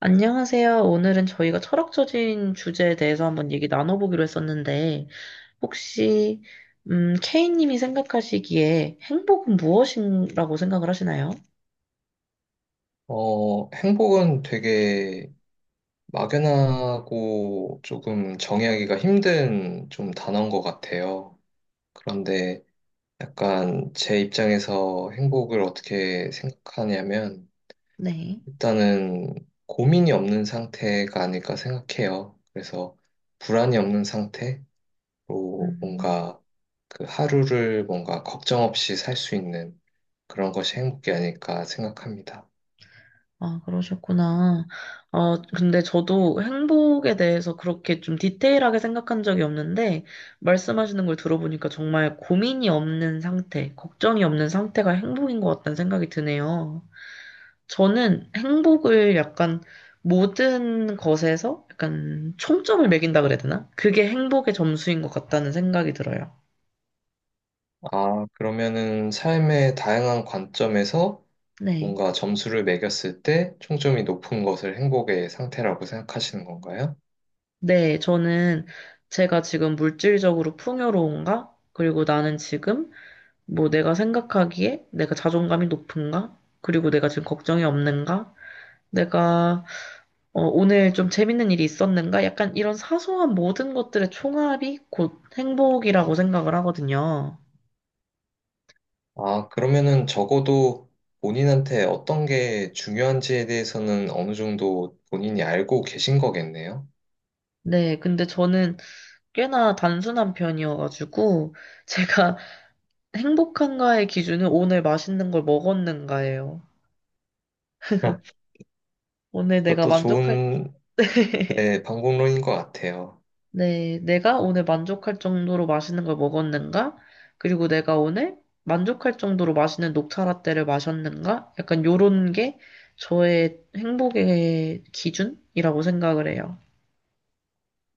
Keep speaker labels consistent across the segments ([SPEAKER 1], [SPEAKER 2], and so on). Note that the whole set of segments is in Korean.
[SPEAKER 1] 안녕하세요. 오늘은 저희가 철학적인 주제에 대해서 한번 얘기 나눠보기로 했었는데, 혹시, K님이 생각하시기에 행복은 무엇이라고 생각을 하시나요?
[SPEAKER 2] 행복은 되게 막연하고 조금 정의하기가 힘든 좀 단어인 것 같아요. 그런데 약간 제 입장에서 행복을 어떻게 생각하냐면
[SPEAKER 1] 네.
[SPEAKER 2] 일단은 고민이 없는 상태가 아닐까 생각해요. 그래서 불안이 없는 상태로
[SPEAKER 1] 음,
[SPEAKER 2] 뭔가 그 하루를 뭔가 걱정 없이 살 수 있는 그런 것이 행복이 아닐까 생각합니다.
[SPEAKER 1] 아, 그러셨구나. 근데 저도 행복에 대해서 그렇게 좀 디테일하게 생각한 적이 없는데, 말씀하시는 걸 들어보니까 정말 고민이 없는 상태, 걱정이 없는 상태가 행복인 것 같다는 생각이 드네요. 저는 행복을 약간 모든 것에서 약간 총점을 매긴다 그래야 되나? 그게 행복의 점수인 것 같다는 생각이 들어요.
[SPEAKER 2] 아, 그러면은 삶의 다양한 관점에서
[SPEAKER 1] 네.
[SPEAKER 2] 뭔가 점수를 매겼을 때 총점이 높은 것을 행복의 상태라고 생각하시는 건가요?
[SPEAKER 1] 네, 저는 제가 지금 물질적으로 풍요로운가? 그리고 나는 지금 뭐 내가 생각하기에 내가 자존감이 높은가? 그리고 내가 지금 걱정이 없는가? 내가 오늘 좀 재밌는 일이 있었는가? 약간 이런 사소한 모든 것들의 총합이 곧 행복이라고 생각을 하거든요.
[SPEAKER 2] 아, 그러면은 적어도 본인한테 어떤 게 중요한지에 대해서는 어느 정도 본인이 알고 계신 거겠네요.
[SPEAKER 1] 네, 근데 저는 꽤나 단순한 편이어가지고 제가 행복한가의 기준은 오늘 맛있는 걸 먹었는가예요.
[SPEAKER 2] 네.
[SPEAKER 1] 오늘 내가
[SPEAKER 2] 그것도
[SPEAKER 1] 만족할
[SPEAKER 2] 좋은,
[SPEAKER 1] 때,
[SPEAKER 2] 네, 방법론인 것 같아요.
[SPEAKER 1] 네, 내가 오늘 만족할 정도로 맛있는 걸 먹었는가? 그리고 내가 오늘 만족할 정도로 맛있는 녹차 라떼를 마셨는가? 약간 요런 게 저의 행복의 기준이라고 생각을 해요.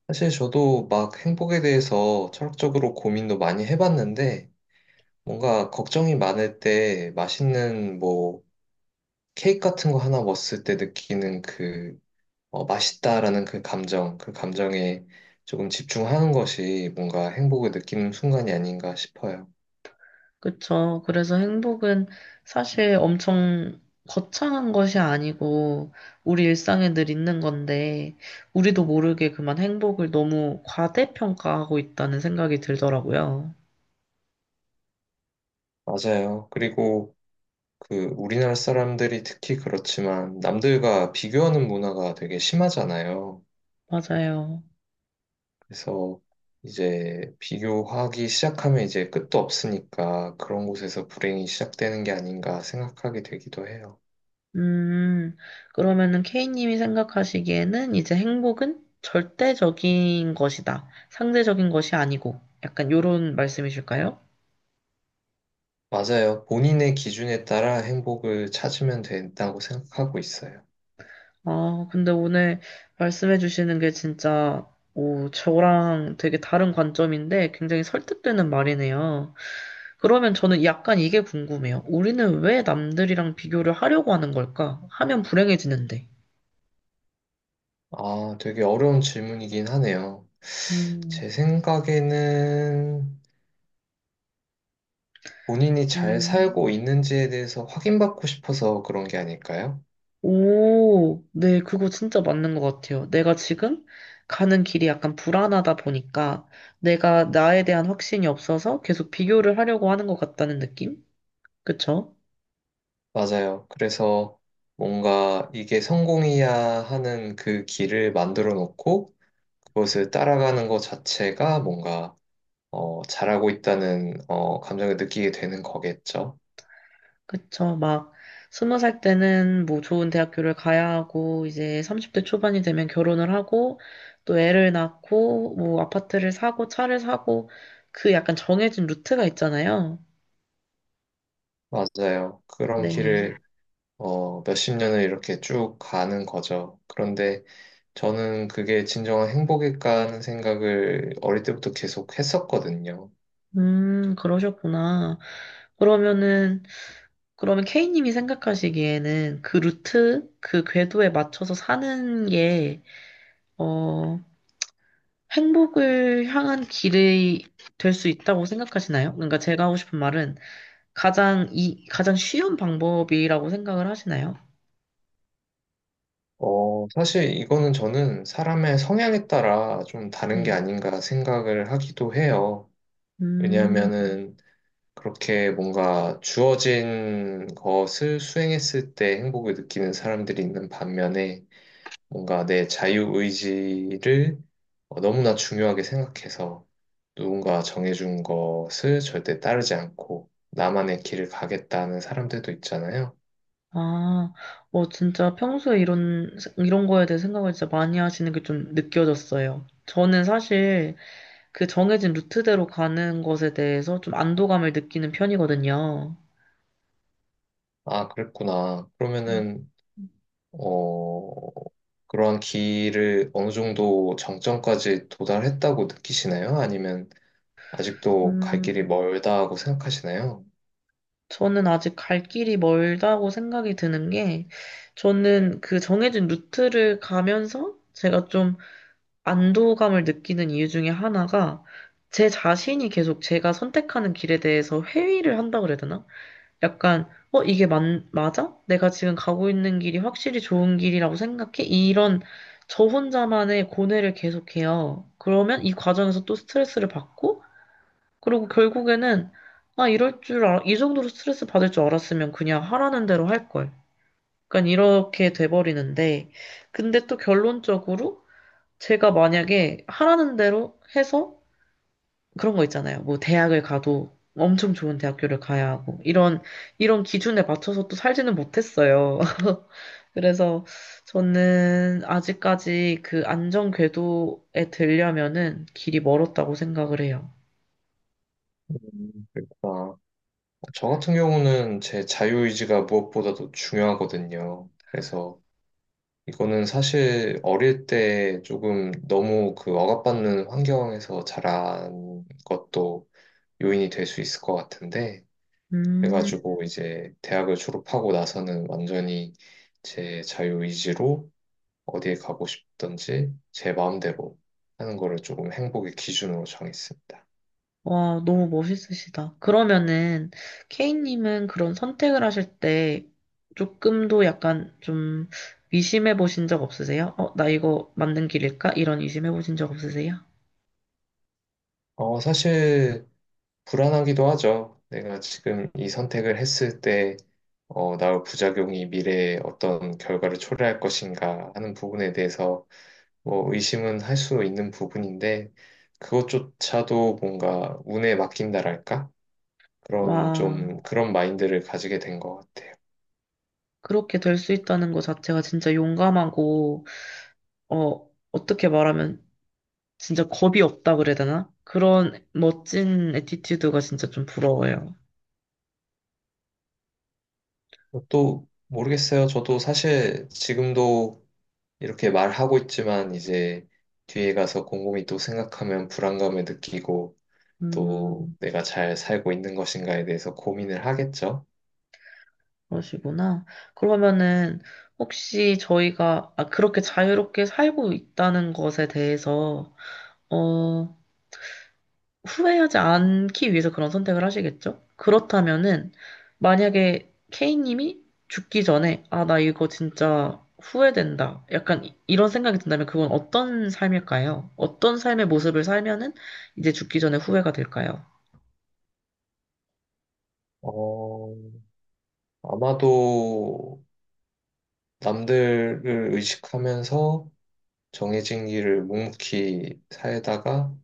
[SPEAKER 2] 사실 저도 막 행복에 대해서 철학적으로 고민도 많이 해봤는데, 뭔가 걱정이 많을 때 맛있는 뭐 케이크 같은 거 하나 먹었을 때 느끼는 그 맛있다라는 그 감정, 그 감정에 조금 집중하는 것이 뭔가 행복을 느끼는 순간이 아닌가 싶어요.
[SPEAKER 1] 그쵸. 그래서 행복은 사실 엄청 거창한 것이 아니고 우리 일상에 늘 있는 건데 우리도 모르게 그만 행복을 너무 과대평가하고 있다는 생각이 들더라고요.
[SPEAKER 2] 맞아요. 그리고 그 우리나라 사람들이 특히 그렇지만 남들과 비교하는 문화가 되게 심하잖아요.
[SPEAKER 1] 맞아요.
[SPEAKER 2] 그래서 이제 비교하기 시작하면 이제 끝도 없으니까 그런 곳에서 불행이 시작되는 게 아닌가 생각하게 되기도 해요.
[SPEAKER 1] 음, 그러면은 K님이 생각하시기에는 이제 행복은 절대적인 것이다. 상대적인 것이 아니고 약간 요런 말씀이실까요?
[SPEAKER 2] 맞아요. 본인의 기준에 따라 행복을 찾으면 된다고 생각하고 있어요.
[SPEAKER 1] 아, 근데 오늘 말씀해 주시는 게 진짜, 오, 저랑 되게 다른 관점인데 굉장히 설득되는 말이네요. 그러면 저는 약간 이게 궁금해요. 우리는 왜 남들이랑 비교를 하려고 하는 걸까? 하면 불행해지는데.
[SPEAKER 2] 아, 되게 어려운 질문이긴 하네요.
[SPEAKER 1] 음,
[SPEAKER 2] 제 생각에는 본인이 잘
[SPEAKER 1] 음,
[SPEAKER 2] 살고 있는지에 대해서 확인받고 싶어서 그런 게 아닐까요?
[SPEAKER 1] 오, 네, 그거 진짜 맞는 것 같아요. 내가 지금 가는 길이 약간 불안하다 보니까 내가 나에 대한 확신이 없어서 계속 비교를 하려고 하는 것 같다는 느낌? 그쵸?
[SPEAKER 2] 맞아요. 그래서 뭔가 이게 성공이야 하는 그 길을 만들어 놓고 그것을 따라가는 것 자체가 뭔가 잘하고 있다는 감정을 느끼게 되는 거겠죠.
[SPEAKER 1] 그쵸. 막, 20살 때는 뭐 좋은 대학교를 가야 하고, 이제 30대 초반이 되면 결혼을 하고, 또 애를 낳고, 뭐 아파트를 사고, 차를 사고, 그 약간 정해진 루트가 있잖아요.
[SPEAKER 2] 맞아요. 그런
[SPEAKER 1] 네.
[SPEAKER 2] 길을 몇십 년을 이렇게 쭉 가는 거죠. 그런데 저는 그게 진정한 행복일까 하는 생각을 어릴 때부터 계속 했었거든요.
[SPEAKER 1] 그러셨구나. 그러면은, 그러면 K님이 생각하시기에는 그 루트, 그 궤도에 맞춰서 사는 게, 어, 행복을 향한 길이 될 수 있다고 생각하시나요? 그러니까 제가 하고 싶은 말은, 가장 쉬운 방법이라고 생각을 하시나요?
[SPEAKER 2] 사실 이거는 저는 사람의 성향에 따라 좀 다른 게
[SPEAKER 1] 네.
[SPEAKER 2] 아닌가 생각을 하기도 해요.
[SPEAKER 1] 음.
[SPEAKER 2] 왜냐하면은 그렇게 뭔가 주어진 것을 수행했을 때 행복을 느끼는 사람들이 있는 반면에 뭔가 내 자유의지를 너무나 중요하게 생각해서 누군가 정해준 것을 절대 따르지 않고 나만의 길을 가겠다는 사람들도 있잖아요.
[SPEAKER 1] 아, 어 진짜 평소에 이런 거에 대해 생각을 진짜 많이 하시는 게 좀 느껴졌어요. 저는 사실 그 정해진 루트대로 가는 것에 대해서 좀 안도감을 느끼는 편이거든요.
[SPEAKER 2] 아, 그랬구나. 그러면은, 어, 그러한 길을 어느 정도 정점까지 도달했다고 느끼시나요? 아니면 아직도 갈
[SPEAKER 1] 음,
[SPEAKER 2] 길이 멀다고 생각하시나요?
[SPEAKER 1] 저는 아직 갈 길이 멀다고 생각이 드는 게, 저는 그 정해진 루트를 가면서 제가 좀 안도감을 느끼는 이유 중에 하나가 제 자신이 계속 제가 선택하는 길에 대해서 회의를 한다 그래야 되나? 이게 맞아? 내가 지금 가고 있는 길이 확실히 좋은 길이라고 생각해? 이런 저 혼자만의 고뇌를 계속해요. 그러면 이 과정에서 또 스트레스를 받고, 그리고 결국에는, 아, 이 정도로 스트레스 받을 줄 알았으면 그냥 하라는 대로 할 걸. 약간 이렇게 돼버리는데, 근데 또 결론적으로, 제가 만약에 하라는 대로 해서 그런 거 있잖아요. 뭐 대학을 가도 엄청 좋은 대학교를 가야 하고 이런 기준에 맞춰서 또 살지는 못했어요. 그래서 저는 아직까지 그 안전 궤도에 들려면은 길이 멀었다고 생각을 해요.
[SPEAKER 2] 그렇구나. 저 같은 경우는 제 자유의지가 무엇보다도 중요하거든요. 그래서 이거는 사실 어릴 때 조금 너무 그 억압받는 환경에서 자란 것도 요인이 될 수 있을 것 같은데,
[SPEAKER 1] 음.
[SPEAKER 2] 그래가지고 이제 대학을 졸업하고 나서는 완전히 제 자유의지로 어디에 가고 싶든지 제 마음대로 하는 거를 조금 행복의 기준으로 정했습니다.
[SPEAKER 1] 와, 너무 멋있으시다. 그러면은, 케이님은 그런 선택을 하실 때 조금도 약간 좀 의심해 보신 적 없으세요? 어, 나 이거 맞는 길일까? 이런 의심해 보신 적 없으세요?
[SPEAKER 2] 사실 불안하기도 하죠. 내가 지금 이 선택을 했을 때, 나올 부작용이 미래에 어떤 결과를 초래할 것인가 하는 부분에 대해서 뭐 의심은 할 수 있는 부분인데, 그것조차도 뭔가 운에 맡긴다랄까? 그런
[SPEAKER 1] 와,
[SPEAKER 2] 좀 그런 마인드를 가지게 된 것 같아요.
[SPEAKER 1] 그렇게 될 수 있다는 것 자체가 진짜 용감하고, 어, 어떻게 말하면 진짜 겁이 없다 그래야 되나? 그런 멋진 에티튜드가 진짜 좀 부러워요.
[SPEAKER 2] 또 모르겠어요. 저도 사실 지금도 이렇게 말하고 있지만 이제 뒤에 가서 곰곰이 또 생각하면 불안감을 느끼고 또
[SPEAKER 1] 음.
[SPEAKER 2] 내가 잘 살고 있는 것인가에 대해서 고민을 하겠죠.
[SPEAKER 1] 그러시구나. 그러면은 혹시 저희가 아, 그렇게 자유롭게 살고 있다는 것에 대해서 어, 후회하지 않기 위해서 그런 선택을 하시겠죠? 그렇다면은 만약에 K님이 죽기 전에 아, 나 이거 진짜 후회된다. 이런 생각이 든다면 그건 어떤 삶일까요? 어떤 삶의 모습을 살면은 이제 죽기 전에 후회가 될까요?
[SPEAKER 2] 어, 아마도 남들을 의식하면서 정해진 길을 묵묵히 살다가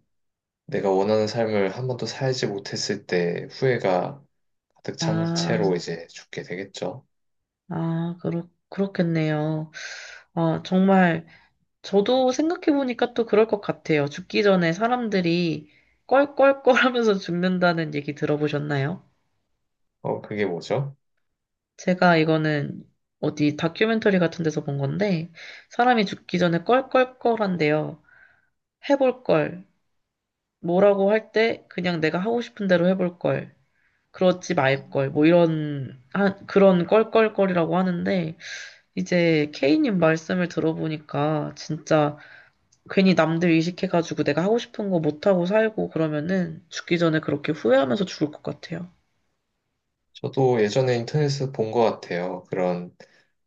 [SPEAKER 2] 내가 원하는 삶을 한 번도 살지 못했을 때 후회가 가득 찬 채로
[SPEAKER 1] 아,
[SPEAKER 2] 이제 죽게 되겠죠.
[SPEAKER 1] 그렇겠네요. 아, 정말 저도 생각해보니까 또 그럴 것 같아요. 죽기 전에 사람들이 껄껄껄 하면서 죽는다는 얘기 들어보셨나요?
[SPEAKER 2] 그게 뭐죠?
[SPEAKER 1] 제가 이거는 어디 다큐멘터리 같은 데서 본 건데, 사람이 죽기 전에 껄껄껄 한대요. 해볼 걸. 뭐라고 할 때 그냥 내가 하고 싶은 대로 해볼 걸. 그러지 말 걸. 뭐 이런, 한, 그런 껄껄껄이라고 하는데, 이제 케이님 말씀을 들어보니까 진짜 괜히 남들 의식해가지고 내가 하고 싶은 거 못하고 살고 그러면은 죽기 전에 그렇게 후회하면서 죽을 것 같아요.
[SPEAKER 2] 저도 예전에 인터넷에서 본 것 같아요. 그런,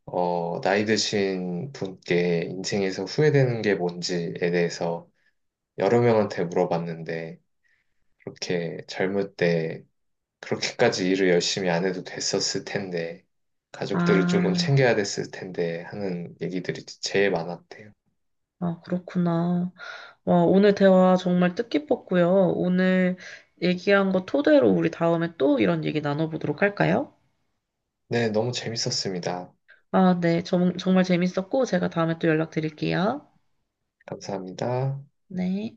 [SPEAKER 2] 나이 드신 분께 인생에서 후회되는 게 뭔지에 대해서 여러 명한테 물어봤는데 그렇게 젊을 때 그렇게까지 일을 열심히 안 해도 됐었을 텐데, 가족들을
[SPEAKER 1] 아,
[SPEAKER 2] 조금 챙겨야 됐을 텐데 하는 얘기들이 제일 많았대요.
[SPEAKER 1] 그렇구나. 와, 오늘 대화 정말 뜻깊었고요. 오늘 얘기한 거 토대로 우리 다음에 또 이런 얘기 나눠보도록 할까요?
[SPEAKER 2] 네, 너무 재밌었습니다.
[SPEAKER 1] 아, 네. 정말 재밌었고 제가 다음에 또 연락드릴게요.
[SPEAKER 2] 감사합니다.
[SPEAKER 1] 네.